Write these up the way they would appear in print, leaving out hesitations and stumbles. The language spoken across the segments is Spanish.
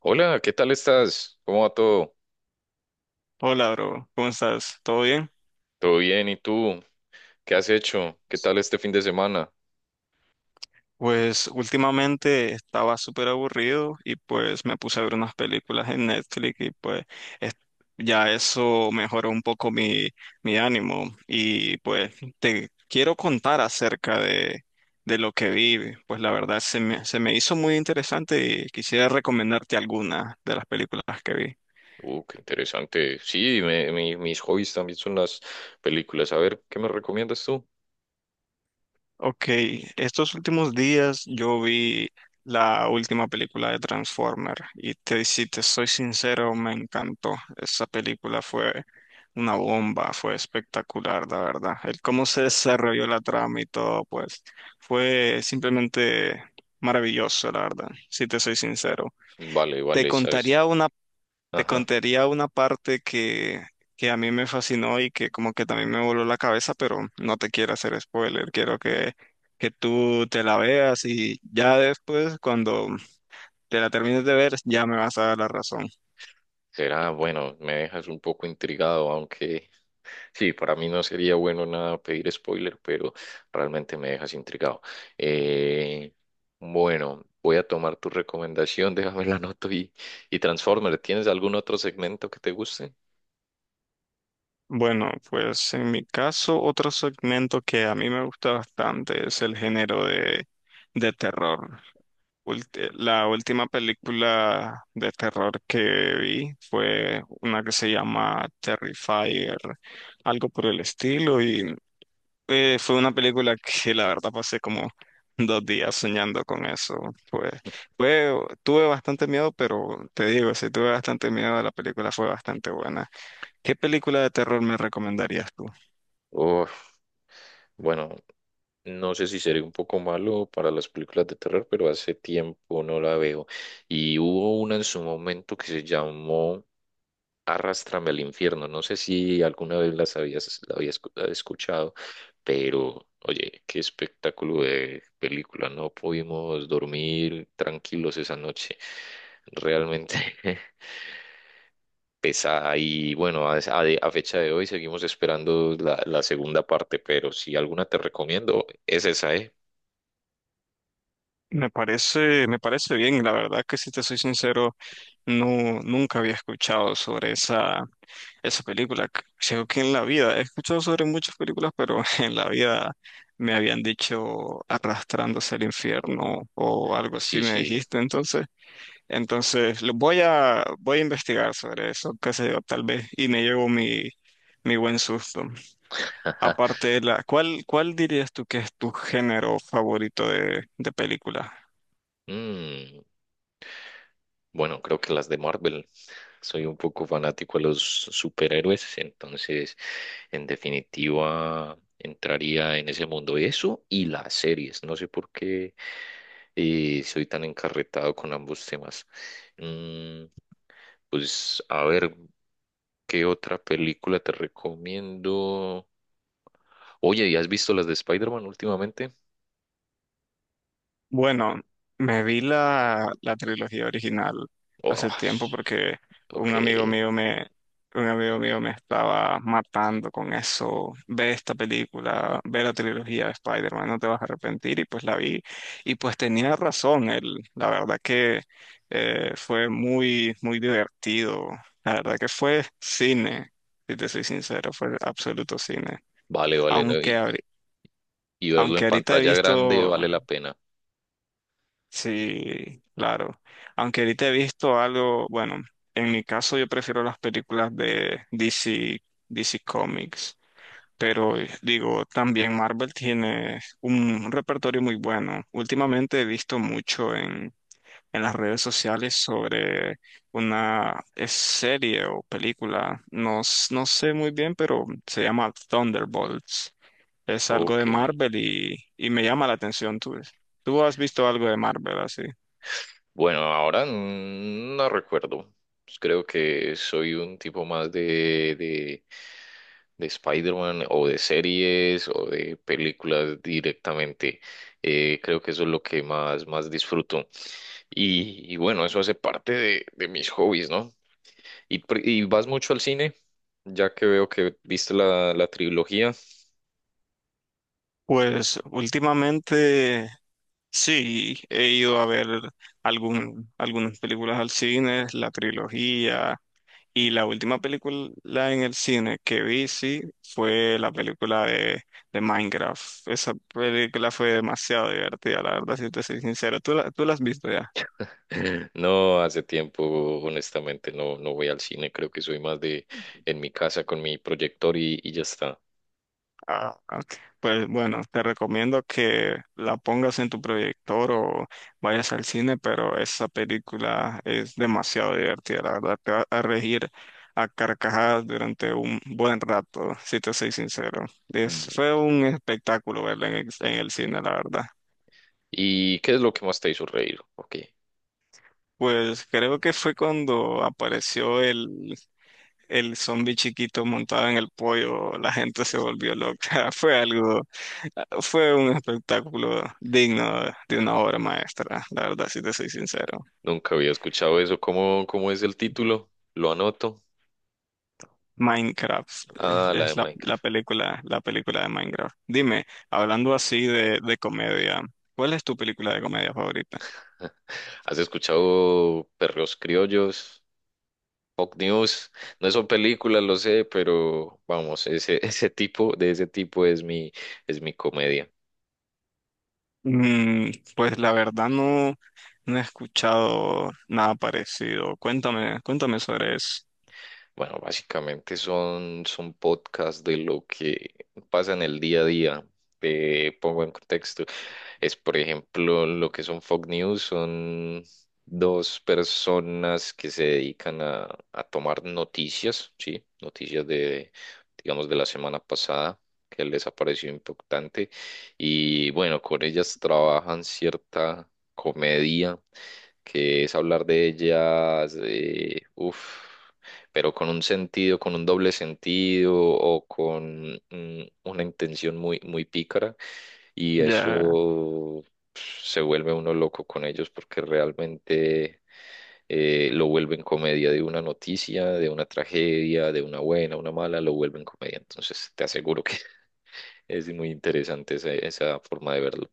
Hola, ¿qué tal estás? ¿Cómo va todo? Hola, bro. ¿Cómo estás? ¿Todo bien? ¿Todo bien? ¿Y tú? ¿Qué has hecho? ¿Qué tal este fin de semana? Pues últimamente estaba súper aburrido y pues me puse a ver unas películas en Netflix y es- ya eso mejoró un poco mi ánimo y pues te quiero contar acerca de lo que vi. Pues la verdad se me hizo muy interesante y quisiera recomendarte algunas de las películas que vi. Qué interesante. Sí, mis hobbies también son las películas. A ver, ¿qué me recomiendas tú? Ok, estos últimos días yo vi la última película de Transformer si te soy sincero, me encantó. Esa película fue una bomba, fue espectacular, la verdad. El cómo se desarrolló la trama y todo, pues fue simplemente maravilloso, la verdad, si te soy sincero. Vale, Te vale, sabes. contaría una Te Ajá. contaría una parte que a mí me fascinó y que como que también me voló la cabeza, pero no te quiero hacer spoiler, quiero que tú te la veas y ya después, cuando te la termines de ver, ya me vas a dar la razón. Será, bueno, me dejas un poco intrigado, aunque sí, para mí no sería bueno nada pedir spoiler, pero realmente me dejas intrigado. Eh, bueno, voy a tomar tu recomendación, déjame la anoto y Transformer, ¿tienes algún otro segmento que te guste? Bueno, pues en mi caso, otro segmento que a mí me gusta bastante es el género de terror. La última película de terror que vi fue una que se llama Terrifier, algo por el estilo, y fue una película que la verdad pasé como dos días soñando con eso. Pues, fue, tuve bastante miedo, pero te digo, si tuve bastante miedo, la película fue bastante buena. ¿Qué película de terror me recomendarías tú? Uf, bueno, no sé si sería un poco malo para las películas de terror, pero hace tiempo no la veo. Y hubo una en su momento que se llamó Arrástrame al infierno. No sé si alguna vez la habías escuchado, pero oye, qué espectáculo de película. No pudimos dormir tranquilos esa noche. Realmente pesa y bueno, a fecha de hoy seguimos esperando la segunda parte, pero si alguna te recomiendo, es esa, ¿eh? Me parece bien, la verdad que si te soy sincero, no, nunca había escuchado sobre esa. Esa película, c- Creo que en la vida, he escuchado sobre muchas películas, pero en la vida me habían dicho arrastrándose al infierno o algo así Sí, me sí. dijiste, entonces, entonces lo voy a investigar sobre eso, qué sé yo, tal vez, y me llevo mi buen susto. Ajá. Aparte de la, ¿cuál dirías tú que es tu género favorito de película? Mm, bueno, creo que las de Marvel. Soy un poco fanático a los superhéroes, entonces en definitiva entraría en ese mundo. Eso y las series. No sé por qué soy tan encarretado con ambos temas. Mm, pues a ver, ¿qué otra película te recomiendo? Oye, ¿y has visto las de Spider-Man últimamente? Bueno, me vi la trilogía original Oh, hace tiempo sh- porque un ok, amigo mío me, un amigo mío me estaba matando con eso. Ve esta película, ve la trilogía de Spider-Man, no te vas a arrepentir. Y pues la vi y pues tenía razón. Él, la verdad que fue muy divertido. La verdad que fue cine, si te soy sincero, fue absoluto cine. vale, vale, no, Aunque, Y, ahori- y verlo Aunque en ahorita he pantalla grande visto. vale la pena. Sí, claro. Aunque ahorita he visto algo, bueno, en mi caso yo prefiero las películas de DC, DC Comics, pero digo, también Marvel tiene un repertorio muy bueno. Últimamente he visto mucho en las redes sociales sobre una serie o película, no sé muy bien, pero se llama Thunderbolts. Es algo Ok. de Marvel y me llama la atención. ¿Tú has visto algo de Marvel así? Bueno, ahora no recuerdo. Pues creo que soy un tipo más de Spider-Man o de series o de películas directamente. Creo que eso es lo que más disfruto. Y bueno, eso hace parte de mis hobbies, ¿no? ¿Y, y vas mucho al cine? Ya que veo que viste la trilogía. Pues últimamente sí, he ido a ver algunas películas al cine, la trilogía, y la última película en el cine que vi, sí, fue la película de Minecraft. Esa película fue demasiado divertida, la verdad, si te soy sincero. ¿Tú la has visto ya? No, hace tiempo, honestamente, no, no voy al cine. Creo que soy más de en mi casa con mi proyector y ya está. Ah, ok. Pues bueno, te recomiendo que la pongas en tu proyector o vayas al cine, pero esa película es demasiado divertida, la verdad, te va a regir a carcajadas durante un buen rato, si te soy sincero. Es, fue ¿Y un espectáculo verla en el cine, la verdad. ¿Y qué es lo que más te hizo reír? Ok, Pues creo que fue cuando apareció el zombie chiquito montado en el pollo, la gente se volvió loca, fue algo. Fue un espectáculo digno de una obra maestra, la verdad, si te soy sincero. nunca había escuchado eso. ¿Cómo, cómo es el título? Lo anoto. Minecraft es, Ah, la de es la, la Minecraft. película, la película de Minecraft. Dime, hablando así de comedia, ¿cuál es tu película de comedia favorita? ¿Has escuchado Perros Criollos? Fox News. No son películas, lo sé, pero vamos, ese, ese tipo, de ese tipo es mi comedia. Mm, pues la verdad no, no he escuchado nada parecido. Cuéntame sobre eso. Bueno, básicamente son podcasts de lo que pasa en el día a día. Te pongo en contexto. Es, por ejemplo, lo que son Fox News, son dos personas que se dedican a tomar noticias, ¿sí? Noticias de, digamos, de la semana pasada, que les ha parecido impactante. Y bueno, con ellas trabajan cierta comedia, que es hablar de ellas, de, uf pero con un sentido, con un doble sentido o con una intención muy, muy pícara. Y Ya. eso pf, se vuelve uno loco con ellos porque realmente lo vuelven comedia de una noticia, de una tragedia, de una buena, una mala, lo vuelven comedia. Entonces te aseguro que es muy interesante esa, esa forma de verlo.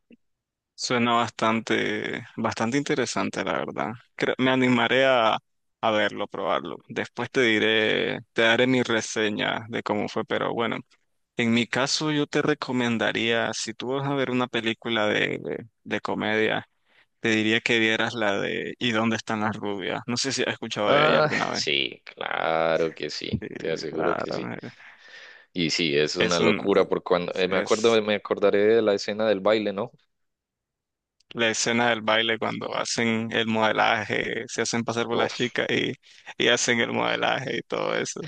Suena bastante interesante, la verdad. Me animaré a verlo, probarlo. Después te diré, te daré mi reseña de cómo fue, pero bueno, en mi caso yo te recomendaría, si tú vas a ver una película de comedia, te diría que vieras la de ¿Y dónde están las rubias? No sé si has escuchado de ella Ah, alguna vez. sí, claro que Sí, sí, te aseguro que sí. claro. Eh, Y sí, es una Es un, locura, porque cuando me acuerdo, es me acordaré de la escena del baile, ¿no? la escena del baile cuando hacen el modelaje, se hacen pasar por las Uf, chicas y hacen el modelaje y todo eso.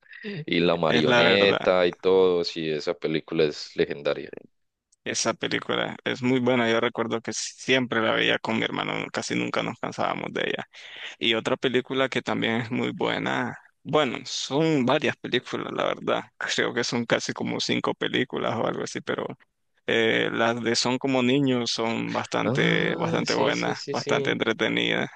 y la Es la verdad, marioneta y todo, sí, esa película es legendaria. esa película es muy buena. Yo recuerdo que siempre la veía con mi hermano, no casi nunca nos cansábamos de ella. Y otra película que también es muy buena. Bueno, son varias películas, la verdad. Creo que son casi como cinco películas o algo así, pero las de Son como niños son bastante, Ah, bastante sí, sí, buenas, sí, bastante sí. entretenidas.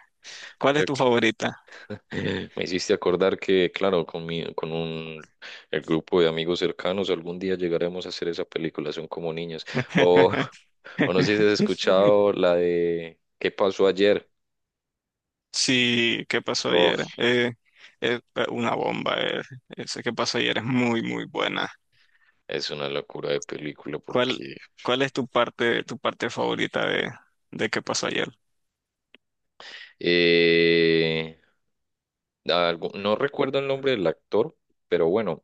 ¿Cuál es Creo tu que favorita? me hiciste acordar que, claro, con un el grupo de amigos cercanos, algún día llegaremos a hacer esa película, son como niños. O, o no sé si has escuchado la de ¿Qué pasó ayer? Sí, ¿qué pasó ayer? Uf, Es una bomba, eh. Ese que pasó ayer es muy buena. es una locura de película ¿Cuál, porque cuál es tu parte favorita de qué pasó ayer? eh, no recuerdo el nombre del actor, pero bueno,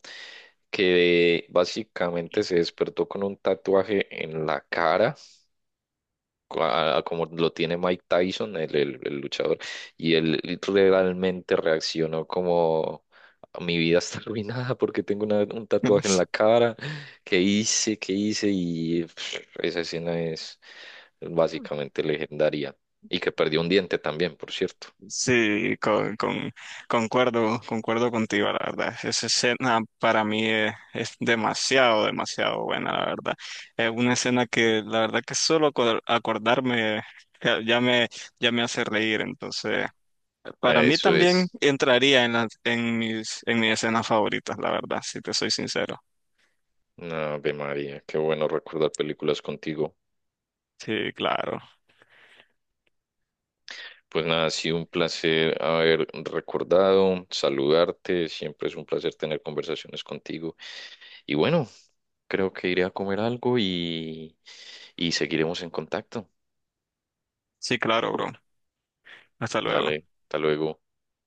que básicamente se despertó con un tatuaje en la cara, como lo tiene Mike Tyson, el, el luchador, y él realmente reaccionó como... Mi vida está arruinada porque tengo un tatuaje en la cara. ¿Qué hice? ¿Qué hice? Y pff, esa escena es básicamente legendaria. Y que perdió un diente también, por cierto. Sí, concuerdo, concuerdo contigo, la verdad. Esa escena para mí es demasiado, demasiado buena, la verdad. Es una escena que la verdad que solo acordarme ya, ya me, ya me hace reír. Entonces, para mí Eso también es. entraría en en mis escenas favoritas, la verdad, si te soy sincero. Ave María, qué bueno recordar películas contigo. Sí, claro. Pues nada, ha sido un placer haber recordado, saludarte, siempre es un placer tener conversaciones contigo. Y bueno, creo que iré a comer algo y seguiremos en contacto. Sí, claro, bro. Hasta luego. Dale, hasta luego.